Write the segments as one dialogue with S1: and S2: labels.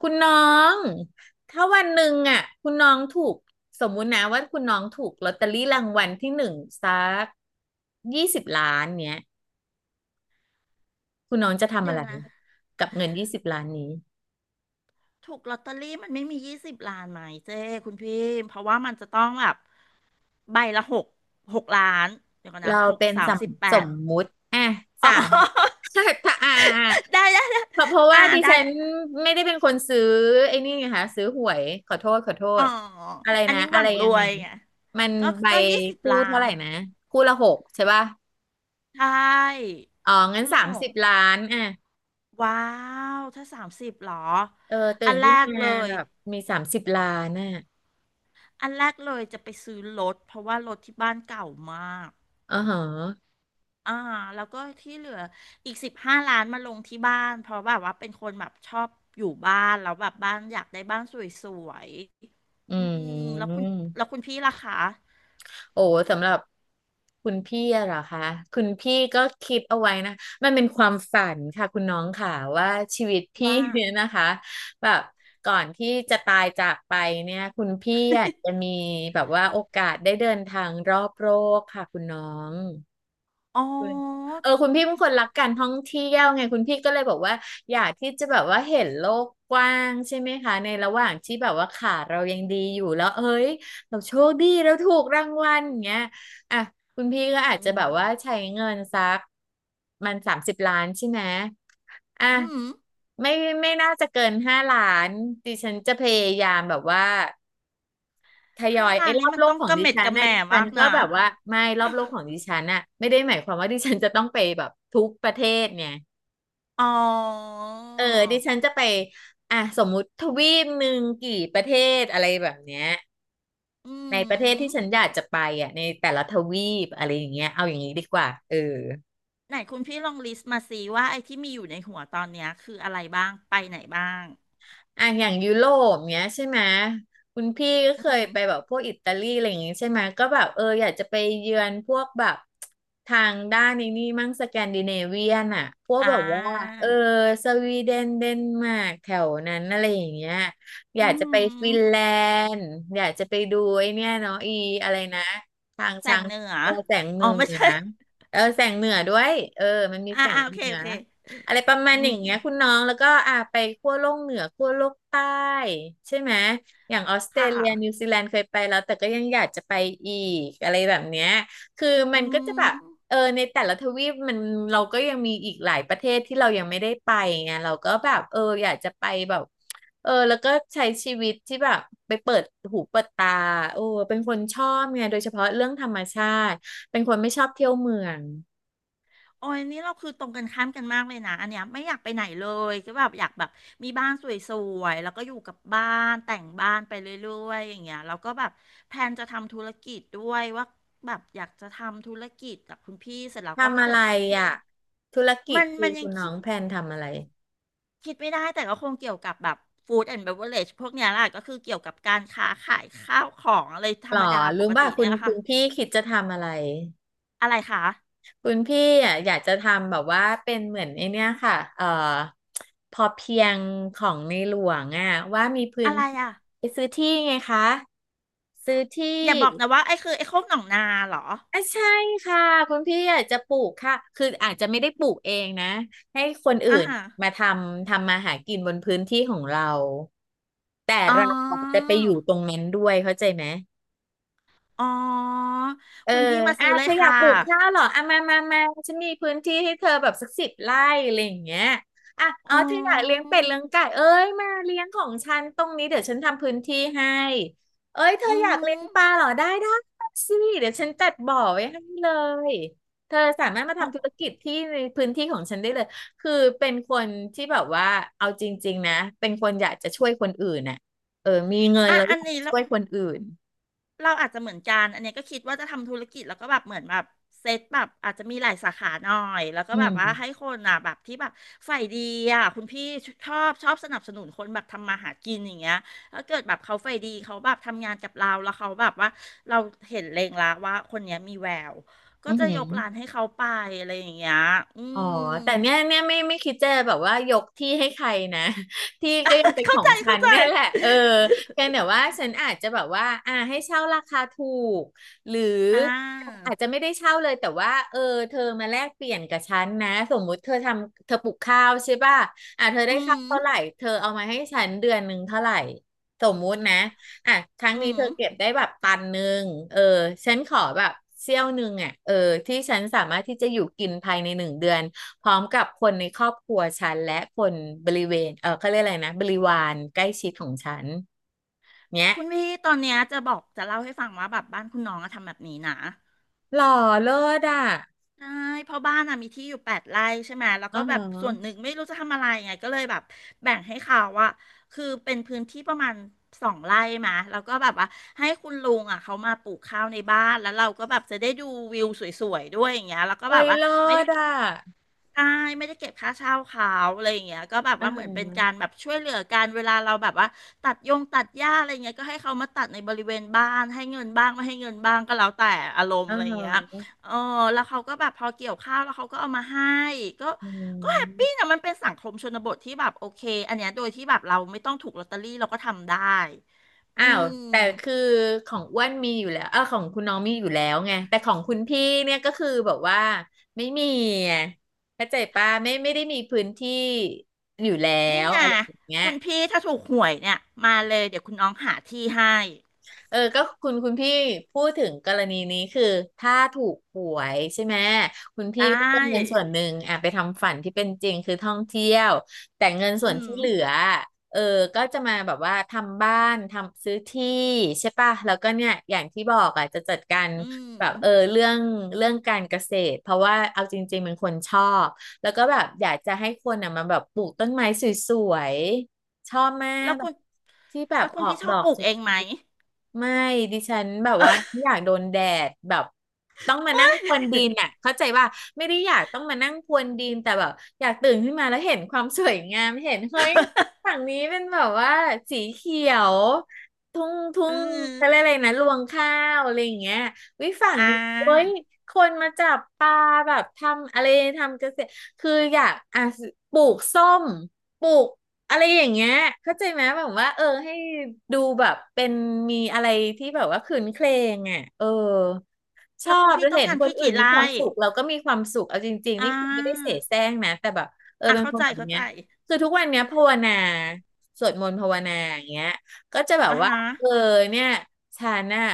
S1: คุณน้องถ้าวันหนึ่งอ่ะคุณน้องถูกสมมุตินะว่าคุณน้องถูกลอตเตอรี่รางวัลที่หนึ่งสักยี่สิบล้านเนี้ยคุณน้องจะทำ
S2: เดี๋
S1: อะ
S2: ยว
S1: ไร
S2: นะ
S1: กับเงินยี่สิบล้านนี้
S2: ถูกลอตเตอรี่มันไม่มี20 ล้านไหมเจ้คุณพี่เพราะว่ามันจะต้องแบบใบละหก6 ล้านเดี๋ยวก่อนนะ
S1: เรา
S2: หก
S1: เป็น
S2: สา
S1: ส
S2: ม
S1: ม
S2: สิบแป
S1: ส
S2: ด
S1: มมุติอ่ะ
S2: อ๋
S1: สาม
S2: อ
S1: ถ้าอ่า
S2: ได้ได้ได้
S1: เพราะว่า
S2: อ่า
S1: ดิ
S2: ได้
S1: ฉัน
S2: ได้
S1: ไม่ได้เป็นคนซื้อไอ้นี่ไงคะซื้อหวยขอโทษขอโท
S2: อ๋อ
S1: ษอะไร
S2: อัน
S1: นะ
S2: นี้ห
S1: อะ
S2: วั
S1: ไร
S2: งร
S1: ยัง
S2: ว
S1: ไง
S2: ย
S1: นะ
S2: ไง
S1: มัน
S2: ก็
S1: ใบ
S2: ก็ยี่สิบ
S1: คู่
S2: ล้า
S1: เท่า
S2: น
S1: ไหร่นะคู่ละหกใช่ป่ะ
S2: ใช่
S1: อ๋องั้
S2: คู่
S1: นสา
S2: ละห
S1: มสิ
S2: ก
S1: บล้านอ่ะ
S2: ว้าวถ้าสามสิบหรอ
S1: เออตื่
S2: อั
S1: น
S2: นแร
S1: ขึ้น
S2: กเล
S1: มา
S2: ย
S1: แบบมีสามสิบล้านอ่ะ
S2: อันแรกเลยจะไปซื้อรถเพราะว่ารถที่บ้านเก่ามาก
S1: อ๋อเหรอ
S2: อ่าแล้วก็ที่เหลืออีก15 ล้านมาลงที่บ้านเพราะแบบว่าเป็นคนแบบชอบอยู่บ้านแล้วแบบบ้านอยากได้บ้านสวย
S1: อื
S2: ๆอืมแล้วคุณแล้ว
S1: ม
S2: คุณพี่ล่ะคะ
S1: โอ้สำหรับคุณพี่อะเหรอคะ คุณพี่ก็คิดเอาไว้นะ มันเป็นความฝันค่ะคุณน้องค่ะว่าชีวิตพี่
S2: ว่า
S1: เนี่ยนะคะแบบก่อนที่จะตายจากไปเนี่ยคุณพี่อยากจะมีแบบว่าโอกาสได้เดินทางรอบโลกค่ะคุณน้อง
S2: อ๋อ
S1: คุณเออคุณพี่เป็นคนรักการท่องเที่ยวไงคุณพี่ก็เลยบอกว่าอยากที่จะแบบว่าเห็นโลกกว้างใช่ไหมคะในระหว่างที่แบบว่าขาเรายังดีอยู่แล้วเอ้ยเราโชคดีเราถูกรางวัลอย่างเงี้ยอ่ะคุณพี่ก็อาจ
S2: อื
S1: จะแบ
S2: ม
S1: บว่าใช้เงินสักมันสามสิบล้านใช่ไหมอ่ะ
S2: อืม
S1: ไม่น่าจะเกิน5 ล้านดิฉันจะพยายามแบบว่า ทย
S2: ห้า
S1: อย
S2: ล้า
S1: ไอ้
S2: น
S1: ร
S2: นี้
S1: อบ
S2: มัน
S1: โล
S2: ต้
S1: ก
S2: อง
S1: ขอ
S2: ก
S1: ง
S2: ระ
S1: ดิ
S2: เม็ด
S1: ฉั
S2: ก
S1: น
S2: ระแห
S1: นะ
S2: ม่
S1: ดิฉั
S2: มา
S1: น
S2: ก
S1: ก็
S2: นะ
S1: แบบว่าไม่รอบโลกของดิ ฉันน่ะไม่ได้หมายความว่าดิฉันจะต้องไปแบบทุกประเทศเนี่ย
S2: อ๋อ
S1: เออดิฉันจะไปอ่ะสมมุติทวีปหนึ่งกี่ประเทศอะไรแบบเนี้ย
S2: อื
S1: ในประเทศที่ฉั
S2: ม
S1: นอยากจะไปอ่ะในแต่ละทวีปอะไรอย่างเงี้ยเอาอย่างนี้ดีกว่าเออ
S2: ไหนคุณพี่ลองลิสต์มาสิว่าไอ้ที่มีอยู่ในหัวตอนเนี้ยคืออะไรบ้างไปไหนบ้าง
S1: อ่ะอย่างยุโรปเนี้ยใช่ไหมคุณพี่ก็
S2: อื
S1: เคย
S2: ม
S1: ไปแบบพวกอิตาลีอะไรอย่างงี้ใช่ไหมก็แบบเอออยากจะไปเยือนพวกแบบทางด้านนี้นี่มั่งสแกนดิเนเวียนอ่ะพวก
S2: อ่
S1: แบบว่าเออ
S2: า
S1: สวีเดนเดนมาร์กแถวนั้นอะไรอย่างเงี้ยอ
S2: อื
S1: ยากจะไป
S2: ม
S1: ฟินแลนด์อยากจะไปดูไอ้เนี่ยเนาะอีอะไรนะทาง
S2: แส
S1: ช้า
S2: ง
S1: ง
S2: เหนือ
S1: เออแสงเห
S2: อ๋
S1: นื
S2: อ
S1: อ
S2: ไม่ใช่
S1: นะเออแสงเหนือด้วยเออมันมี
S2: อ่า
S1: แสง
S2: อ่าโอ
S1: เห
S2: เค
S1: นือ
S2: โอเค
S1: อะไรประมา
S2: อื
S1: ณอย่า
S2: ม
S1: งเงี้ยคุณน้องแล้วก็อ่าไปขั้วโลกเหนือขั้วโลกใต้ใช่ไหมอย่างออสเตร
S2: ค่ะ
S1: เลียนิวซีแลนด์เคยไปแล้วแต่ก็ยังอยากจะไปอีกอะไรแบบเนี้ยคือ
S2: อื
S1: มันก็จะแบบเอ
S2: ม
S1: อในแต่ละทวีปมันเราก็ยังมีอีกหลายประเทศที่เรายังไม่ได้ไปไงเราก็แบบเอออยากจะไปแบบเออแล้วก็ใช้ชีวิตที่แบบไปเปิดหูเปิดตาโอ้เป็นคนชอบไงโดยเฉพาะเรื่องธรรมชาติเป็นคนไม่ชอบเที่ยวเมือง
S2: โอ้ยนี่เราคือตรงกันข้ามกันมากเลยนะ อันเนี้ยไม่อยากไปไหนเลยก็แบบอยากแบบมีบ้านสวยๆแล้วก็อยู่กับบ้านแต่งบ้านไปเรื่อยๆอย่างเงี้ยแล้วก็แบบแพลนจะทำธุรกิจด้วยว่าแบบอยากจะทำธุรกิจกับคุณพี่เสร็จแล้วก็ถ้า
S1: ทำอะ
S2: เกิ
S1: ไร
S2: ดมี
S1: อ่ะธุรกิจ
S2: มัน
S1: คือ
S2: มันยั
S1: คุ
S2: ง
S1: ณน้อ
S2: คิด
S1: งแพลนทำอะไร
S2: คิดไม่ได้แต่ก็คงเกี่ยวกับแบบฟู้ดแอนด์เบเวอเรจพวกเนี้ยแหละก็คือเกี่ยวกับการค้าขายข้าวของอะไรธร
S1: หรอ
S2: รมดาป
S1: รู้
S2: ก
S1: ป่ะ
S2: ติ
S1: คุ
S2: เนี่ย
S1: ณ
S2: แหละ
S1: คุ
S2: ค่ะ
S1: ณพี่คิดจะทำอะไร
S2: อะไรคะ
S1: คุณพี่อ่ะอยากจะทำแบบว่าเป็นเหมือนไอเนี้ยค่ะพอเพียงของในหลวงอ่ะว่ามีพื้
S2: อะ
S1: น
S2: ไร
S1: ที่
S2: อ่ะ
S1: ไปซื้อที่ไงคะซื้อที่
S2: อย่าบอกนะว่าไอ้คือไอ้โคกหนองนาเหรอ
S1: อ่ะใช่ค่ะคุณพี่อยากจะปลูกค่ะคืออาจจะไม่ได้ปลูกเองนะให้คนอื่
S2: อ่า
S1: น
S2: ฮะ
S1: มาทำมาหากินบนพื้นที่ของเรา
S2: อ๋
S1: จะ
S2: อ
S1: ไปอยู่ตรงนั้นด้วยเข้าใจไหม
S2: อ๋อ
S1: เออ
S2: คุณพี่มา
S1: อ่ะ
S2: ซื้อเล
S1: เธ
S2: ย
S1: ออยา
S2: ค่ะ
S1: กปลูกข้าวเหรออ่ะมามามาฉันมีพื้นที่ให้เธอแบบสัก10 ไร่อะไรอย่างเงี้ยอ่ะอ๋อ
S2: อ๋อ
S1: เธออยากเลี้ยงเป็ดเลี้ยงไก่เอ้ยมาเลี้ยงของฉันตรงนี้เดี๋ยวฉันทำพื้นที่ให้เอ้ยเธอ
S2: อื
S1: อยากเลี้ยง
S2: ม
S1: ปลาเหรอได้ได้มาสิเดี๋ยวฉันจัดบ่อไว้ให้เลยเธอสามารถมา
S2: อ๋อ
S1: ทำธุรกิจที่ในพื้นที่ของฉันได้เลยคือเป็นคนที่แบบว่าเอาจริงๆนะเป็นคนอยากจะช่วยคนอื่นน่ะเออมีเงิน
S2: อ่ะ
S1: แล้ว
S2: อั
S1: อ
S2: น
S1: ยาก
S2: นี้แล้
S1: ช่
S2: ว
S1: วยคนอื่น
S2: เราอาจจะเหมือนกันอันเนี้ยก็คิดว่าจะทำธุรกิจแล้วก็แบบเหมือนแบบเซตแบบอาจจะมีหลายสาขาหน่อยแล้วก็
S1: อื
S2: แบบว่าให้
S1: ม
S2: คนอ่ะแบบที่แบบฝ่ายดีอ่ะคุณพี่ชอบสนับสนุนคนแบบทำมาหากินอย่างเงี้ยถ้าเกิดแบบเขาฝ่ายดีเขาแบบทำงานกับเราแล้วเขาแบบว่าเราเห็นเลงละว่าคนเนี้ยมีแววก็
S1: อือ
S2: จะ
S1: หือ
S2: ยกร้านให้เขาไปอะไรอย่างเงี้ยอื
S1: อ๋อ
S2: ม
S1: แต่เนี้ยเนี่ยไม่คิดจะแบบว่ายกที่ให้ใครนะ ที่ก็ยังเป็ นข
S2: เข้า
S1: อง
S2: ใจ
S1: ฉั
S2: เข้า
S1: น
S2: ใจ
S1: เนี่ยแหละเออเพียง แต่ว่าฉันอาจจะแบบว่าอ่าให้เช่าราคาถูกหรือ
S2: อ่า
S1: อาจจะไม่ได้เช่าเลยแต่ว่าเออเธอมาแลกเปลี่ยนกับฉันนะสมมุติเธอปลูกข้าวใช่ป่ะอ่าเธอได้
S2: อื
S1: ข้าว
S2: ม
S1: เท่าไหร่เธอเอามาให้ฉันเดือนหนึ่งเท่าไหร่สมมุตินะ อ่ะครั้ง
S2: อื
S1: นี้เธ
S2: ม
S1: อเก็บได้แบบตันหนึ่งเออ ฉันขอแบบเสี้ยวหนึ่งอ่ะเออที่ฉันสามารถที่จะอยู่กินภายในหนึ่งเดือน พร้อมกับคนในครอบครัวฉันและคนบริเวณเออเขาเรียกอะไรนะ บริวารใกล้ชิดของฉัน เนี้ย
S2: คุณพี่ตอนเนี้ยจะบอกจะเล่าให้ฟังว่าแบบบ้านคุณน้องอะทำแบบนี้นะ
S1: หล่อเลิศอ่ะ
S2: ใช่เพราะบ้านอะมีที่อยู่8 ไร่ใช่ไหมแล้ว
S1: อ๋
S2: ก็
S1: อ
S2: แบบ
S1: ฮะ
S2: ส่วนหนึ่งไม่รู้จะทำอะไรไงก็เลยแบบแบ่งให้เขาว่าคือเป็นพื้นที่ประมาณ2 ไร่มาแล้วก็แบบว่าให้คุณลุงอะเขามาปลูกข้าวในบ้านแล้วเราก็แบบจะได้ดูวิวสวยๆด้วยอย่างเงี้ยแล้วก็
S1: เอ้
S2: แบบ
S1: ย
S2: ว่า
S1: เลิ
S2: ไม่ได้
S1: ศอ่ะ
S2: ใช่ไม่ได้เก็บค่าเช่าเขาอะไรอย่างเงี้ยก็แบบ
S1: อ๋อ
S2: ว่า
S1: ฮ
S2: เหมือนเป็นการแบ
S1: ะ
S2: บช่วยเหลือกันเวลาเราแบบว่าตัดยงตัดหญ้าอะไรเงี้ยก็ให้เขามาตัดในบริเวณบ้านให้เงินบ้างไม่ให้เงินบ้างก็แล้วแต่อารม
S1: อ
S2: ณ์
S1: อ๋อ
S2: อะไรเงี้ย
S1: ฮะ
S2: เออแล้วเขาก็แบบพอเกี่ยวข้าวแล้วเขาก็เอามาให้ก็
S1: ออื
S2: ก็แฮป
S1: ม
S2: ปี้นะมันเป็นสังคมชนบทที่แบบโอเคอันเนี้ยโดยที่แบบเราไม่ต้องถูกลอตเตอรี่เราก็ทำได้อื
S1: อ้าวแต่คื
S2: ม
S1: อของอ้วนมีอยู่แล้วของคุณน้องมีอยู่แล้วไง แต่ของคุณพี่เนี่ยก็คือแบบว่าไม่มีไงเข้าใจป่ะไม่ได้มีพื้นที่อยู่แล้
S2: นี่
S1: ว
S2: ไง
S1: อะไรอย่างเงี้ย
S2: คุณพี่ถ้าถูกหวยเนี่ยมาเลยเดี๋ยวคุณน้องหาที่ให้
S1: ก็คุณพี่พูดถึงกรณีนี้คือถ้าถูกหวยใช่ไหมคุณพี่
S2: ได้
S1: ก็จะเอาเงินส่วนหนึ่งอ่ะไปทำฝันที่เป็นจริงคือท่องเที่ยวแต่เงิน
S2: อื
S1: ส่วนที่
S2: ม
S1: เหลือเออก็จะมาแบบว่าทำบ้านทำซื้อที่ใช่ป่ะแล้วก็เนี่ยอย่างที่บอกอ่ะจะจัดการ
S2: อืม
S1: แบบเรื่องการเกษตรเพราะว่าเอาจริงๆเป็นคนชอบแล้วก็แบบอยากจะให้คนอ่ะมาแบบปลูกต้นไม้สวย ชอบแม่
S2: แล้ว
S1: แบ
S2: คุ
S1: บ
S2: ณ
S1: ที่แบ
S2: แล้
S1: บ
S2: วคุ
S1: อ
S2: ณ
S1: อ
S2: พี่
S1: ก
S2: ช
S1: ด
S2: อบ
S1: อ
S2: ป
S1: ก
S2: ลูก
S1: สวย
S2: เองไหม
S1: ๆไม่ดิฉันแบบว่าไม่อยา กโดนแดดแบบต้องมานั่งพรวนดินอ่ะเข้าใจว่าไม่ได้อยากต้องมานั่งพรวนดินแต่แบบอยากตื่นขึ้นมาแล้วเห็นความสวยงามเห็นเฮ้ยฝั่งนี้เป็นแบบว่าสีเขียวทุ่งทุ่
S2: เอ
S1: งเขาเรียก
S2: อ
S1: อะไรนะรวงข้าวอะไรอย่างเงี้ยวิฝั่ง
S2: อ่
S1: นี้โอ้ย
S2: า
S1: คนมาจับปลาแบบทำอะไรทำเกษตรคืออยากอ่ะปลูกส้มปลูก อะไรอย่างเงี้ยเข้าใจไหมแบบว่าให้ดูแบบเป็นมีอะไรที่แบบว่าคืนเครงอ่ะช
S2: แล้
S1: อ
S2: วคุณ
S1: บ
S2: พี่
S1: แล้ว
S2: ต้อง
S1: เห็น
S2: การ
S1: คน
S2: ที่
S1: อื่
S2: กี่
S1: นมี
S2: ไร่
S1: ความสุขเราก็มีความสุขเอาจริงๆ
S2: อ่
S1: นี่คือไม่ได้เส
S2: า
S1: แสร้งนะแต่แบบ
S2: อ่ะ
S1: เป็น
S2: เข้า
S1: คน
S2: ใจ
S1: แบบ
S2: เข้าใจ
S1: เนี้ยคือทุกวันเนี้ยภาวนาสวดมนต์ภาวนาอย่างเงี้ยก็จะแบบ
S2: อ่า
S1: ว่า
S2: ฮะ
S1: เออเนี่ยฉันน่ะ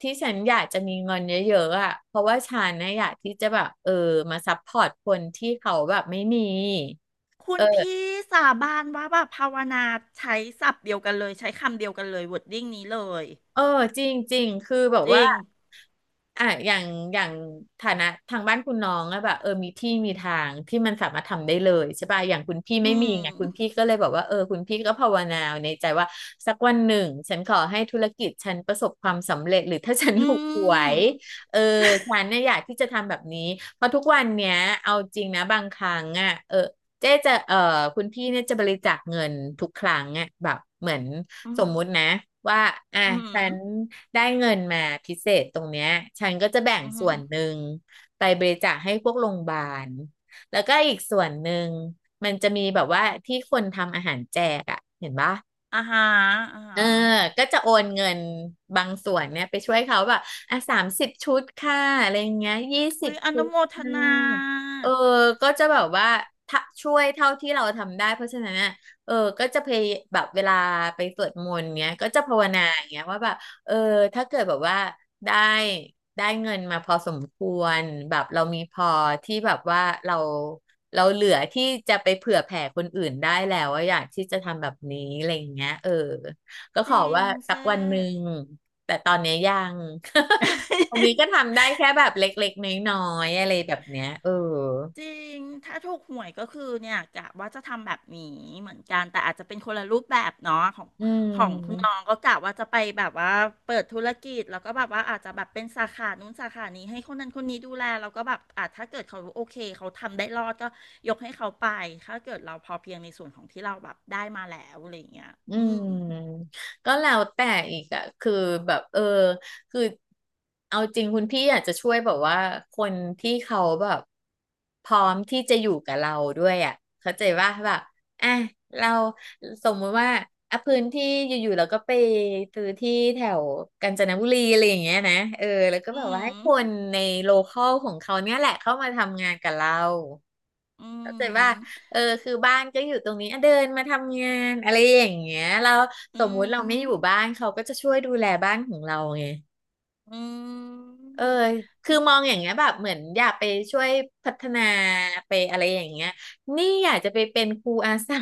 S1: ที่ฉันอยากจะมีเงินเยอะๆอ่ะเพราะว่าฉันน่ะอยากที่จะแบบมาซัพพอร์ตคนที่เขาแบบไม่มี
S2: คุณพี่สาบานว่าแบบภาวนาใช้ศัพท์เดียวกันเลยใช้คำเดียวกันเลยวอร์ดดิ้งนี้เลย
S1: เออจริงจริงคือแบบ
S2: จริ
S1: ว่า
S2: ง
S1: อ่ะอย่างฐานะทางบ้านคุณน้องอะแบบมีที่มีทางที่มันสามารถทำได้เลยใช่ป่ะอย่างคุณพี่
S2: อื
S1: ไม่มี
S2: ม
S1: ไงคุณพี่ก็เลยบอกว่าคุณพี่ก็ภาวนาในใจว่าสักวันหนึ่งฉันขอให้ธุรกิจฉันประสบความสำเร็จหรือถ้าฉัน
S2: อื
S1: ถูกหว
S2: ม
S1: ยเออฉันเนี่ยอยากที่จะทำแบบนี้เพราะทุกวันเนี้ยเอาจริงนะบางครั้งอะเจ๊จะคุณพี่เนี่ยจะบริจาคเงินทุกครั้งอ่ะแบบเหมือน
S2: อื
S1: ส
S2: ม
S1: มมุตินะว่าอ่ะ
S2: อืม
S1: ฉันได้เงินมาพิเศษตรงเนี้ยฉันก็จะแบ่ง
S2: อื
S1: ส่วนห
S2: ม
S1: นึ่งไปบริจาคให้พวกโรงพยาบาล แล้วก็อีกส่วนหนึ่งมันจะมีแบบว่าที่คนทำอาหารแจกอ่ะเห็นปะ
S2: อ่าฮะอ่า
S1: เอ
S2: ฮะ
S1: อก็จะโอนเงินบางส่วนเนี่ยไปช่วยเขาแบบอ่ะ30 ชุดค่ะอะไรอย่างเงี้ยยี่สิ
S2: อุ้
S1: บ
S2: ยอ
S1: ชุ
S2: นุ
S1: ด
S2: โมท
S1: ค่ะ
S2: นา
S1: เออก็จะแบบว่าถ้าช่วยเท่าที่เราทำได้เพราะฉะนั้นน่ะเออก็จะแบบเวลาไปสวดมนต์เนี้ยก็จะภาวนาอย่างเงี้ยว่าแบบเออถ้าเกิดแบบว่าได้ได้เงินมาพอสมควรแบบเรามีพอที่แบบว่าเราเหลือที่จะไปเผื่อแผ่คนอื่นได้แล้วว่าอะอยากที่จะทำแบบนี้อะไรอย่างเงี้ยก็
S2: จ
S1: ขอ
S2: ริง
S1: ว่าสัก
S2: เจ๊
S1: วันหนึ่งแต่ตอนเนี้ยยัง ตอนนี้ก็ทำได้แค่แบบเล็กๆน้อยๆอะไรแบบเนี้ย
S2: จริง ถ้าถูกหวยก็คือเนี่ยกะว่าจะทำแบบนี้เหมือนกัน แต่อาจจะเป็นคนละรูปแบบเนาะของ
S1: อื
S2: ของคุณน้อง
S1: ม
S2: ก็กะว่าจะไปแบบว่าเปิดธุรกิจแล้วก็แบบว่าอาจจะแบบเป็นสาขานู้นสาขานี้ให้คนนั้นคนนี้ดูแลแล้วก็แบบอาจถ้าเกิดเขาโอเคเขาทำได้รอดก็ยกให้เขาไปถ้าเกิดเราพอเพียงในส่วนของที่เราแบบได้มาแล้วอะไรอย่างเงี้ย
S1: อื
S2: อืม
S1: มก็แล้วแต่อีกอะคือแบบคือเอาจริงคุณพี่อาจจะช่วยแบบว่าคนที่เขาแบบพร้อมที่จะอยู่กับเราด้วยอะเข้าใจว่าแบบอ่ะเราสมมติว่าอ่ะพื้นที่อยู่ๆเราก็ไปซื้อที่แถวกาญจนบุรีอะไรอย่างเงี้ยนะแล้วก็
S2: อื
S1: แบบว่าให้
S2: ม
S1: คนในโลคอลของเขาเนี่ยแหละเข้ามาทำงานกับเรา
S2: อื
S1: เข้าใจว่า
S2: ม
S1: คือบ้านก็อยู่ตรงนี้อ่ะเดินมาทำงานอะไรอย่างเงี้ยเราส
S2: อื
S1: มมุติเราไม่
S2: ม
S1: อยู่บ้านเขาก็จะช่วยดูแลบ้านของเราไง
S2: อืม
S1: เออคื
S2: คุ
S1: อ
S2: ณ
S1: มองอย่างเงี้ยแบบเหมือนอยากไปช่วยพัฒนาไปอะไรอย่างเงี้ยนี่อยากจะไปเป็นครูอาสา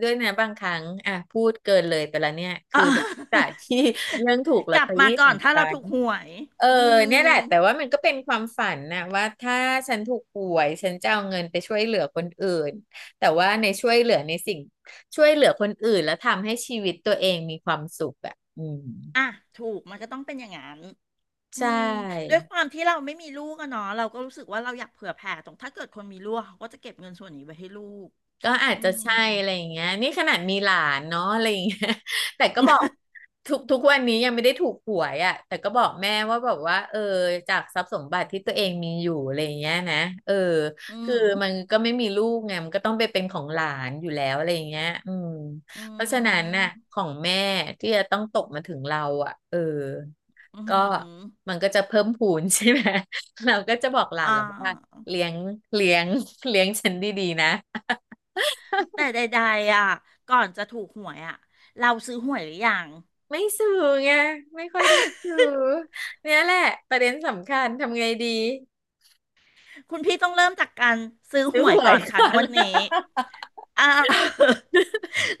S1: ด้วยนะบางครั้งอ่ะพูดเกินเลยไปแล้วเนี่ย
S2: อ่า
S1: คือ จากที่เรื่องถูกล
S2: ก
S1: อต
S2: ลั
S1: เต
S2: บ
S1: อ
S2: มา
S1: รี่ข
S2: ก่อ
S1: อ
S2: น
S1: ง
S2: ถ้า
S1: ฉั
S2: เราถู
S1: น
S2: กหวย
S1: เออ
S2: อื
S1: เนี่ยแห
S2: ม
S1: ละแต่ว่ามันก็เป็นความฝันนะว่าถ้าฉันถูกหวยฉันจะเอาเงินไปช่วยเหลือคนอื่น แต่ว่าในช่วยเหลือในสิ่งช่วยเหลือคนอื่นแล้วทำให้ชีวิตตัวเองมีความสุขอ่ะอืม
S2: อ่ะถูกมันก็ต้องเป็นอย่างนั้น อื
S1: ใช
S2: มด้
S1: ่
S2: วยความที่เราไม่มีลูกอะเนาะเราก็รู้สึกว่าเราอยากเผื่อแผ่ตรงถ้าเกิดคนมีลูกเขาก็จะเก็บเงินส่วนนี้ไว้ให้ลูก
S1: ก็อาจ
S2: อื
S1: จะ
S2: ม
S1: ใช่อะไรอย่างเงี้ยนี่ขนาดมีหลานเนาะอะไรอย่างเงี้ย แต่ก็บอกทุกวันนี้ยังไม่ได้ถูกหวยอ่ะแต่ก็บอกแม่ว่าแบบว่าจากทรัพย์สมบัติที่ตัวเองมีอยู่อะไรอย่างเงี้ยนะเออ
S2: อื
S1: คือ
S2: ม
S1: มันก็ไม่มีลูกไงมันก็ต้องไปเป็นของหลานอยู่แล้วอะไรอย่างเงี้ยอืม
S2: อื
S1: เพราะฉะนั้นน่ะ
S2: ม
S1: ของแม่ที่จะต้องตกมาถึงเราอ่ะ
S2: อืม
S1: ก็
S2: อ
S1: มันก็จะเพิ่มพูน ใช่ไหม เราก็จะบอกหลาน
S2: ่า
S1: เราว่าเลี้ยงเลี้ยงเลี้ยงฉันดีๆนะ
S2: แต่ใดๆอ่ะก่อนจะถูกหวยอ่ะเราซื้อหวยหรือยัง
S1: ไม่สื่อไงไม่ค่อยได้สื่อเนี่ยแหละประเด็นสำคัญทำไงดี
S2: คุณพี่ต้องเริ่มจากการซื้อห
S1: ซื้อ
S2: ว
S1: ห
S2: ย
S1: ว
S2: ก่อ
S1: ย
S2: นค่ะ
S1: ก่อ
S2: ง
S1: น
S2: วดนี้ อ่า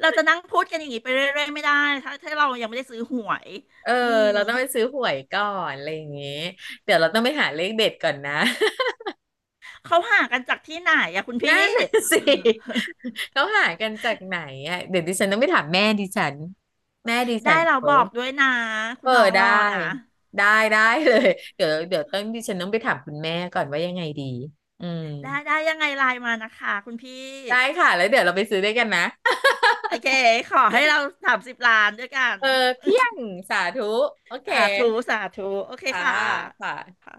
S2: เราจะนั่งพูดกันอย่างนี้ไปเรื่อยๆไม่ได้ ถ้าถ้าเรายังไม่ได้ซื้อหวย
S1: เออ
S2: อืม
S1: เราต้องไปซื้อหวยก่อนอะไรอย่างงี้เดี๋ยวเราต้องไปหาเลขเด็ดก่อนนะ
S2: เขาหากันจากที่ไหนอะคุณ พี่
S1: นั่นน่ะสิ เขาหากันจากไหนอ่ะเดี๋ยวดิฉันต้องไปถามแม่ดิฉันแม่ดิ
S2: ได้
S1: ฉัน
S2: เราบ
S1: เขา
S2: อกด้วยนะคุ
S1: เอ
S2: ณ
S1: อ
S2: น้องร
S1: ได้
S2: อนะ
S1: ได้ได้
S2: อื
S1: เลย
S2: ม
S1: เดี๋ยวต้องดิฉันต้องไปถามคุณแม่ก่อนว่ายังไงดีอืม
S2: ได้ได้ยังไงไลน์มานะคะคุณพี่
S1: ได้ค่ะแล้วเดี๋ยวเราไปซื้อด้วยกันนะ
S2: โอเคขอให้เรา30 ล้านด้วยกัน
S1: เออเพียงสาธุโอ เค
S2: สาธุสาธุ โอเค
S1: อ่า
S2: ค่ะ
S1: ค่ะ
S2: ค่ะ